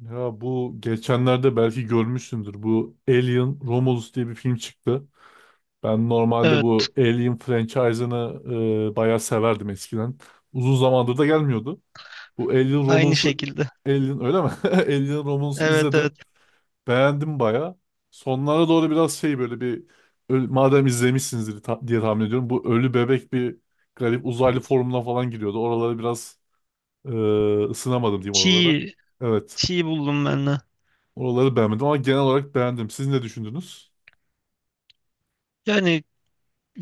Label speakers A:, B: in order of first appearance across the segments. A: Ya bu geçenlerde belki görmüşsündür. Bu Alien Romulus diye bir film çıktı. Ben normalde
B: Evet,
A: bu Alien franchise'ını bayağı severdim eskiden. Uzun zamandır da gelmiyordu. Bu Alien
B: aynı
A: Romulus'u
B: şekilde.
A: Alien öyle mi? Alien Romulus'u
B: Evet evet.
A: izledim. Beğendim bayağı. Sonlara doğru biraz şey böyle bir madem izlemişsinizdir diye tahmin ediyorum. Bu ölü bebek bir garip uzaylı formuna falan giriyordu. Oralara biraz e, ısınamadım diyeyim oralara.
B: Çiğ,
A: Evet.
B: çiğ buldum ben de.
A: Oraları beğenmedim ama genel olarak beğendim. Siz ne düşündünüz?
B: Yani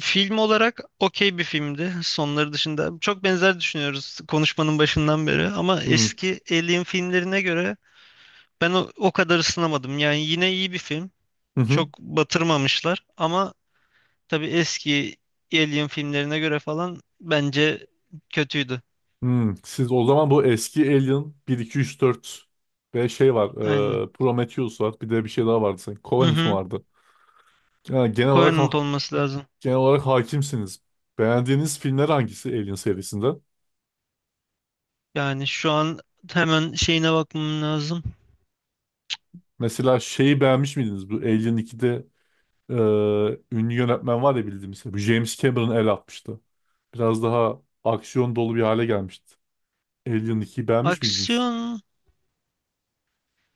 B: film olarak okey bir filmdi. Sonları dışında çok benzer düşünüyoruz konuşmanın başından beri. Ama
A: Hmm.
B: eski Alien filmlerine göre ben o kadar ısınamadım. Yani yine iyi bir film.
A: Hı hı.
B: Çok batırmamışlar. Ama tabii eski Alien filmlerine göre falan bence kötüydü.
A: Hmm. Siz o zaman bu eski Alien bir 2 3 4 ve şey var.
B: Aynen.
A: Prometheus var. Bir de bir şey daha vardı sanki.
B: Hı
A: Covenant mı
B: hı.
A: vardı? Yani genel olarak
B: Covenant olması lazım.
A: hakimsiniz. Beğendiğiniz filmler hangisi Alien serisinde?
B: Yani şu an hemen şeyine bakmam lazım.
A: Mesela şeyi beğenmiş miydiniz? Bu Alien 2'de e, ünlü yönetmen var ya bildiğimiz. Bu James Cameron el atmıştı. Biraz daha aksiyon dolu bir hale gelmişti. Alien 2'yi beğenmiş miydiniz?
B: Aksiyon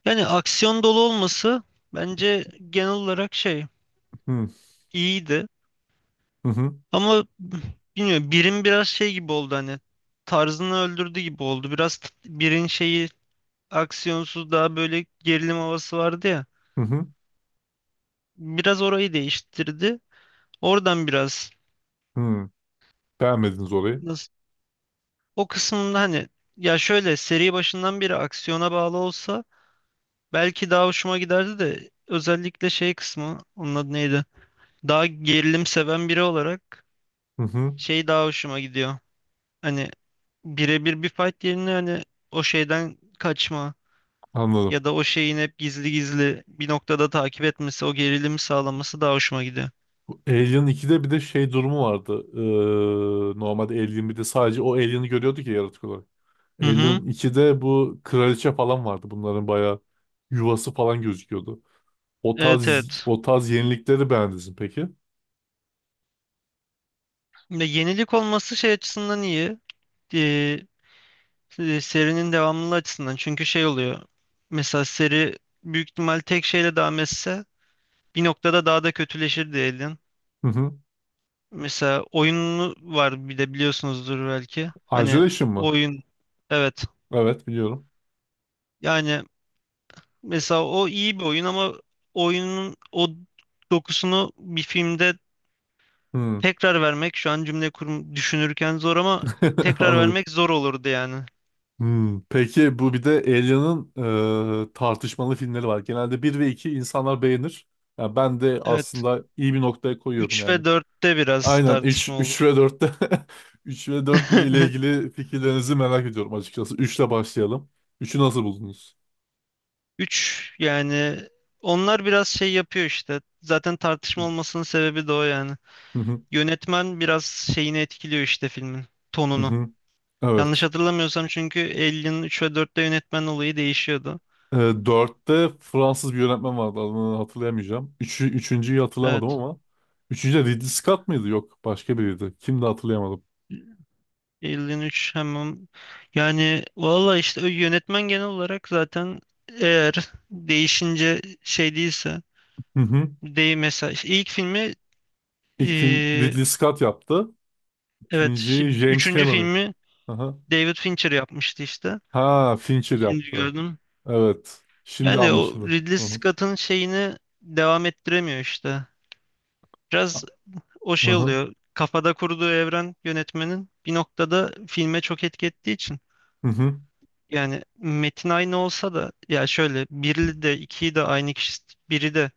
B: yani aksiyon dolu olması bence genel olarak şey
A: Hı
B: iyiydi.
A: hı, hı
B: Ama bilmiyorum birin biraz şey gibi oldu hani tarzını öldürdü gibi oldu. Biraz birin şeyi aksiyonsuz daha böyle gerilim havası vardı ya.
A: hı.
B: Biraz orayı değiştirdi. Oradan biraz
A: Hı. Beğenmediniz orayı.
B: nasıl o kısmında hani ya şöyle seri başından beri aksiyona bağlı olsa belki daha hoşuma giderdi de özellikle şey kısmı onun adı neydi? Daha gerilim seven biri olarak
A: Hı hı.
B: şey daha hoşuma gidiyor. Hani birebir bir fight yerine hani o şeyden kaçma
A: Anladım.
B: ya da o şeyin hep gizli gizli bir noktada takip etmesi, o gerilimi sağlaması daha hoşuma gidiyor.
A: Bu Alien 2'de bir de şey durumu vardı. Normalde Alien 1'de sadece o Alien'i görüyorduk ya yaratık olarak.
B: Hı hı.
A: Alien 2'de bu kraliçe falan vardı. Bunların bayağı yuvası falan gözüküyordu. O
B: Evet
A: tarz,
B: evet.
A: o tarz yenilikleri beğendiniz mi peki?
B: Ya yenilik olması şey açısından iyi. Ee, Serinin devamlılığı açısından. Çünkü şey oluyor. Mesela seri büyük ihtimal tek şeyle devam etse bir noktada daha da kötüleşir diyelim.
A: Hı hı.
B: Mesela oyunu var bir de biliyorsunuzdur belki. Hani
A: Isolation mı?
B: oyun evet.
A: Evet, biliyorum.
B: Yani mesela o iyi bir oyun ama oyunun o dokusunu bir filmde
A: Hı.
B: tekrar vermek şu an cümle kurum düşünürken zor ama tekrar
A: Anladım.
B: vermek zor olurdu yani.
A: Hmm, peki bu bir de Alien'ın tartışmalı filmleri var. Genelde bir ve 2 insanlar beğenir. Yani ben de
B: Evet.
A: aslında iyi bir noktaya koyuyorum
B: 3
A: yani.
B: ve dörtte biraz
A: Aynen üç,
B: tartışma
A: üç
B: olur.
A: ve 4'te 3 ve 4 ile ilgili fikirlerinizi merak ediyorum açıkçası. 3 ile başlayalım. Üçü nasıl buldunuz?
B: Üç yani onlar biraz şey yapıyor işte. Zaten tartışma olmasının sebebi de o yani.
A: Hı hı,
B: Yönetmen biraz şeyini etkiliyor işte filmin
A: hı
B: tonunu.
A: hı.
B: Yanlış
A: Evet.
B: hatırlamıyorsam çünkü Alien'ın 3 ve dörtte yönetmen olayı değişiyordu.
A: E, 4'te Fransız bir yönetmen vardı, adını hatırlayamayacağım. 3'ü, 3.'yü hatırlamadım
B: Evet.
A: ama. Üçüncü de Ridley Scott mıydı? Yok, başka biriydi. Kimdi hatırlayamadım.
B: 53 hemen yani valla işte o yönetmen genel olarak zaten eğer değişince şey değilse değil mesela işte ilk filmi
A: İlk film
B: eee,
A: Ridley Scott yaptı.
B: evet
A: İkinciyi
B: şimdi
A: James
B: üçüncü
A: Cameron.
B: filmi
A: Aha.
B: David Fincher yapmıştı işte
A: Ha, Fincher
B: şimdi
A: yaptı.
B: gördüm
A: Evet. Şimdi
B: yani o
A: anlaşıldı.
B: Ridley
A: Aha.
B: Scott'ın şeyini devam ettiremiyor işte biraz o şey
A: Aha.
B: oluyor kafada kurduğu evren yönetmenin bir noktada filme çok etki ettiği için.
A: Hı hı.
B: Yani metin aynı olsa da ya şöyle biri de ikiyi de aynı kişi biri de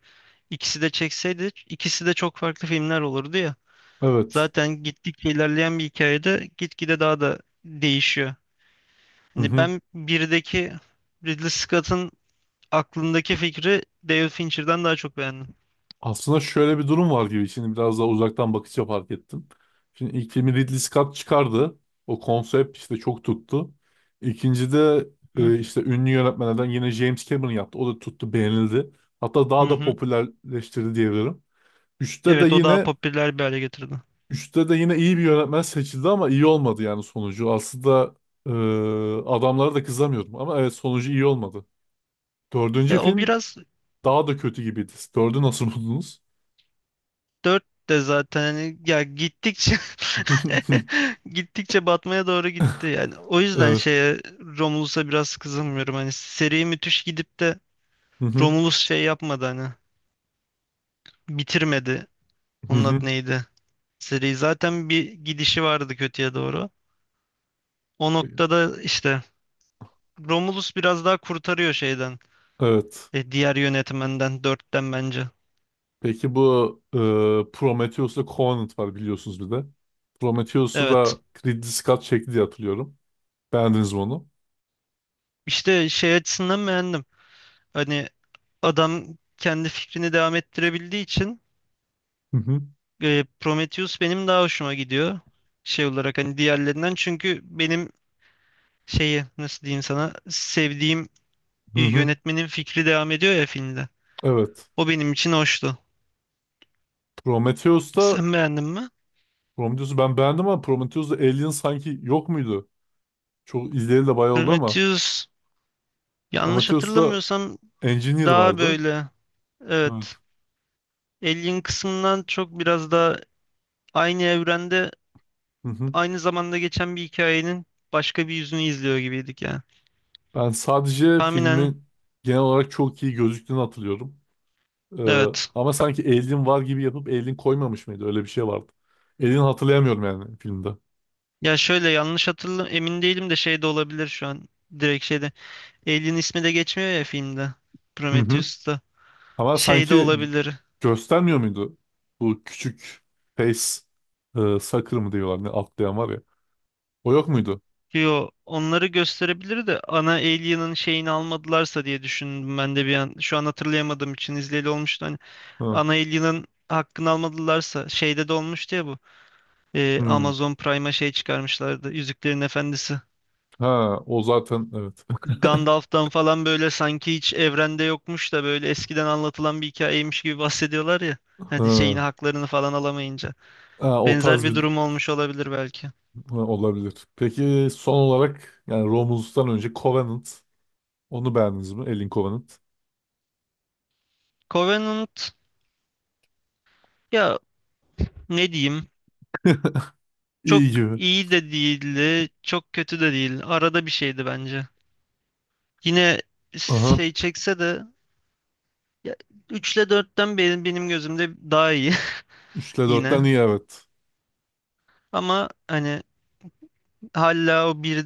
B: ikisi de çekseydi ikisi de çok farklı filmler olurdu ya.
A: Evet.
B: Zaten gittikçe ilerleyen bir hikayede gitgide daha da değişiyor.
A: Hı
B: Hani
A: hı.
B: ben birdeki Ridley Scott'ın aklındaki fikri David Fincher'dan daha çok beğendim.
A: Aslında şöyle bir durum var gibi. Şimdi biraz daha uzaktan bakınca fark ettim. Şimdi ilk filmi Ridley Scott çıkardı. O konsept işte çok tuttu. İkinci de
B: Hı
A: işte ünlü yönetmenlerden yine James Cameron yaptı. O da tuttu, beğenildi. Hatta
B: hı.
A: daha da
B: Hı.
A: popülerleştirdi diyebilirim. Üçte de
B: Evet, o daha
A: yine
B: popüler bir hale getirdi.
A: Üçte de yine iyi bir yönetmen seçildi ama iyi olmadı yani sonucu. Aslında e, adamlara da kızamıyordum ama evet sonucu iyi olmadı. Dördüncü
B: Ya o
A: film
B: biraz
A: daha da kötü gibiydi. Dördü nasıl buldunuz?
B: dört de zaten hani ya gittikçe gittikçe batmaya doğru gitti yani. O yüzden
A: Evet.
B: şeye Romulus'a biraz kızılmıyorum. Hani seri müthiş gidip de
A: Hı hı.
B: Romulus şey yapmadı hani bitirmedi.
A: Hı
B: Onun adı
A: hı.
B: neydi? Seri zaten bir gidişi vardı kötüye doğru. O noktada işte Romulus biraz daha kurtarıyor şeyden.
A: Evet.
B: Diğer yönetmenden dörtten bence.
A: Peki bu Prometheus'la Covenant var biliyorsunuz bir de. Prometheus'u
B: Evet.
A: da Ridley Scott çekti diye hatırlıyorum. Beğendiniz mi onu?
B: İşte şey açısından beğendim. Hani adam kendi fikrini devam ettirebildiği için.
A: Hı hı.
B: Prometheus benim daha hoşuma gidiyor şey olarak hani diğerlerinden çünkü benim şeyi nasıl diyeyim sana sevdiğim
A: Hı hı.
B: yönetmenin fikri devam ediyor ya filmde.
A: Evet.
B: O benim için hoştu.
A: Prometheus'ta
B: Sen beğendin mi?
A: Prometheus'u ben beğendim ama Prometheus'ta Alien sanki yok muydu? Çok izleyeli de bayağı oldu ama
B: Prometheus yanlış
A: Prometheus'ta
B: hatırlamıyorsam
A: Engineer
B: daha
A: vardı.
B: böyle
A: Evet.
B: evet Alien kısmından çok biraz daha aynı evrende
A: Hı hı.
B: aynı zamanda geçen bir hikayenin başka bir yüzünü izliyor gibiydik yani.
A: Ben sadece
B: Tahminen
A: filmin genel olarak çok iyi gözüktüğünü hatırlıyorum. Ee,
B: evet.
A: ama sanki Alien var gibi yapıp Alien koymamış mıydı? Öyle bir şey vardı. Alien hatırlayamıyorum yani filmde.
B: Ya şöyle yanlış emin değilim de şey de olabilir şu an. Direkt şeyde. Alien ismi de geçmiyor ya filmde.
A: Hı hı.
B: Prometheus'ta.
A: Ama
B: Şey de
A: sanki
B: olabilir.
A: göstermiyor muydu? Bu küçük face sucker mı diyorlar ne atlayan var ya. O yok muydu?
B: Yo, onları gösterebilir de ana Alien'ın şeyini almadılarsa diye düşündüm ben de bir an. Şu an hatırlayamadığım için izleyeli olmuştu. Hani
A: Ha.
B: ana Alien'ın hakkını almadılarsa şeyde de olmuştu ya bu.
A: Hı.
B: Amazon Prime'a şey çıkarmışlardı. Yüzüklerin Efendisi.
A: Ha, o zaten evet.
B: Gandalf'tan falan böyle sanki hiç evrende yokmuş da böyle eskiden anlatılan bir hikayeymiş gibi bahsediyorlar ya. Hani şeyini
A: Ha.
B: haklarını falan alamayınca.
A: Ha, o
B: Benzer
A: tarz
B: bir
A: bir.
B: durum olmuş olabilir belki.
A: Ha, olabilir. Peki son olarak yani Romulus'tan önce Covenant. Onu beğendiniz mi? Alien Covenant.
B: Covenant ya ne diyeyim? Çok
A: İyi gibi.
B: iyi de değildi, çok kötü de değil. Arada bir şeydi bence. Yine
A: Aha.
B: şey çekse de ya, 3 ile 4'ten benim gözümde daha iyi
A: 3'te dörtten
B: yine.
A: iyi evet.
B: Ama hani hala o bir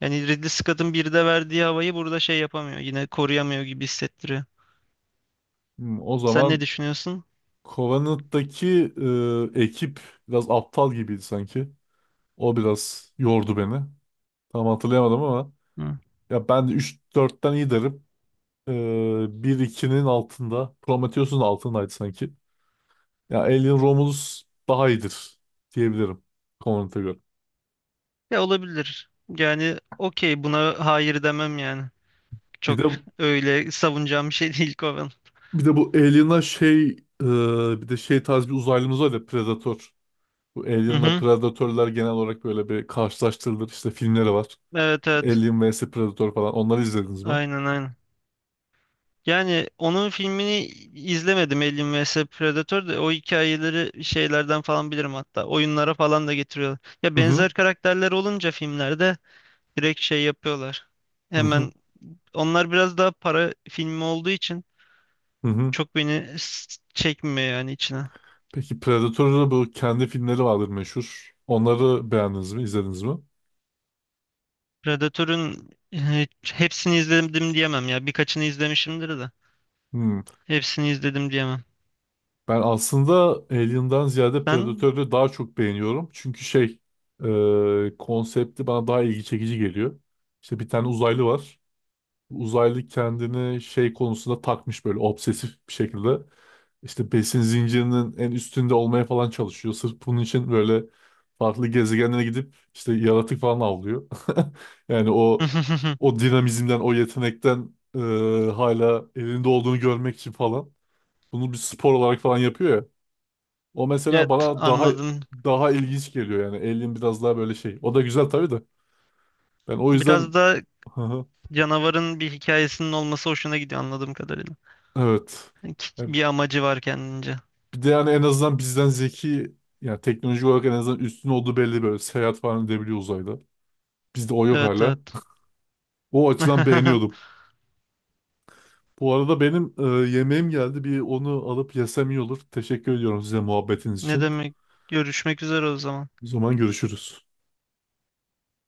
B: yani Ridley Scott'ın bir de verdiği havayı burada şey yapamıyor. Yine koruyamıyor gibi hissettiriyor.
A: Hmm, o
B: Sen ne
A: zaman
B: düşünüyorsun?
A: Covenant'taki ekip biraz aptal gibiydi sanki. O biraz yordu beni. Tam hatırlayamadım ama
B: Hı.
A: ya ben de 3-4'ten iyi derim. E, 1-2'nin altında. Prometheus'un altındaydı sanki. Ya Alien Romulus daha iyidir diyebilirim Covenant'a göre.
B: Ya olabilir. Yani okey buna hayır demem yani.
A: Bir
B: Çok
A: de
B: öyle savunacağım bir şey değil Coven.
A: Bir de bu Alien'a şey bir de şey tarz bir uzaylımız var ya Predator. Bu
B: Hı
A: Alien'la
B: hı.
A: Predator'lar genel olarak böyle bir karşılaştırılır. İşte filmleri var.
B: Evet evet.
A: Alien vs Predator falan. Onları izlediniz mi?
B: Aynen aynen. Yani onun filmini izlemedim Alien vs Predator da o hikayeleri şeylerden falan bilirim hatta. Oyunlara falan da getiriyorlar. Ya
A: Hı hı.
B: benzer karakterler olunca filmlerde direkt şey yapıyorlar.
A: Hı hı.
B: Hemen onlar biraz daha para filmi olduğu için
A: Hı hı.
B: çok beni çekmiyor yani içine.
A: Peki Predator'un bu kendi filmleri vardır meşhur. Onları beğendiniz mi? İzlediniz mi?
B: Predator'un hepsini izledim diyemem ya. Birkaçını izlemişimdir de.
A: Hmm.
B: Hepsini izledim diyemem.
A: Ben aslında Alien'dan ziyade
B: Ben
A: Predator'u daha çok beğeniyorum. Çünkü şey konsepti bana daha ilgi çekici geliyor. İşte bir tane uzaylı var. Uzaylı kendini şey konusunda takmış böyle obsesif bir şekilde. İşte besin zincirinin en üstünde olmaya falan çalışıyor. Sırf bunun için böyle farklı gezegenlere gidip işte yaratık falan avlıyor. Yani o o dinamizmden, o yetenekten hala elinde olduğunu görmek için falan. Bunu bir spor olarak falan yapıyor ya. O mesela
B: evet
A: bana daha
B: anladım.
A: daha ilginç geliyor yani. Alien biraz daha böyle şey. O da güzel tabii de. Ben o
B: Biraz
A: yüzden
B: da canavarın bir hikayesinin olması hoşuna gidiyor anladığım kadarıyla.
A: evet.
B: Yani
A: Yani
B: bir amacı var kendince.
A: bir de yani en azından bizden zeki yani teknoloji olarak en azından üstün olduğu belli, böyle seyahat falan edebiliyor uzayda. Bizde o yok
B: Evet
A: hala.
B: evet.
A: O açıdan beğeniyordum. Bu arada benim yemeğim geldi. Bir onu alıp yesem iyi olur. Teşekkür ediyorum size muhabbetiniz
B: Ne
A: için.
B: demek? Görüşmek üzere o zaman.
A: O zaman görüşürüz.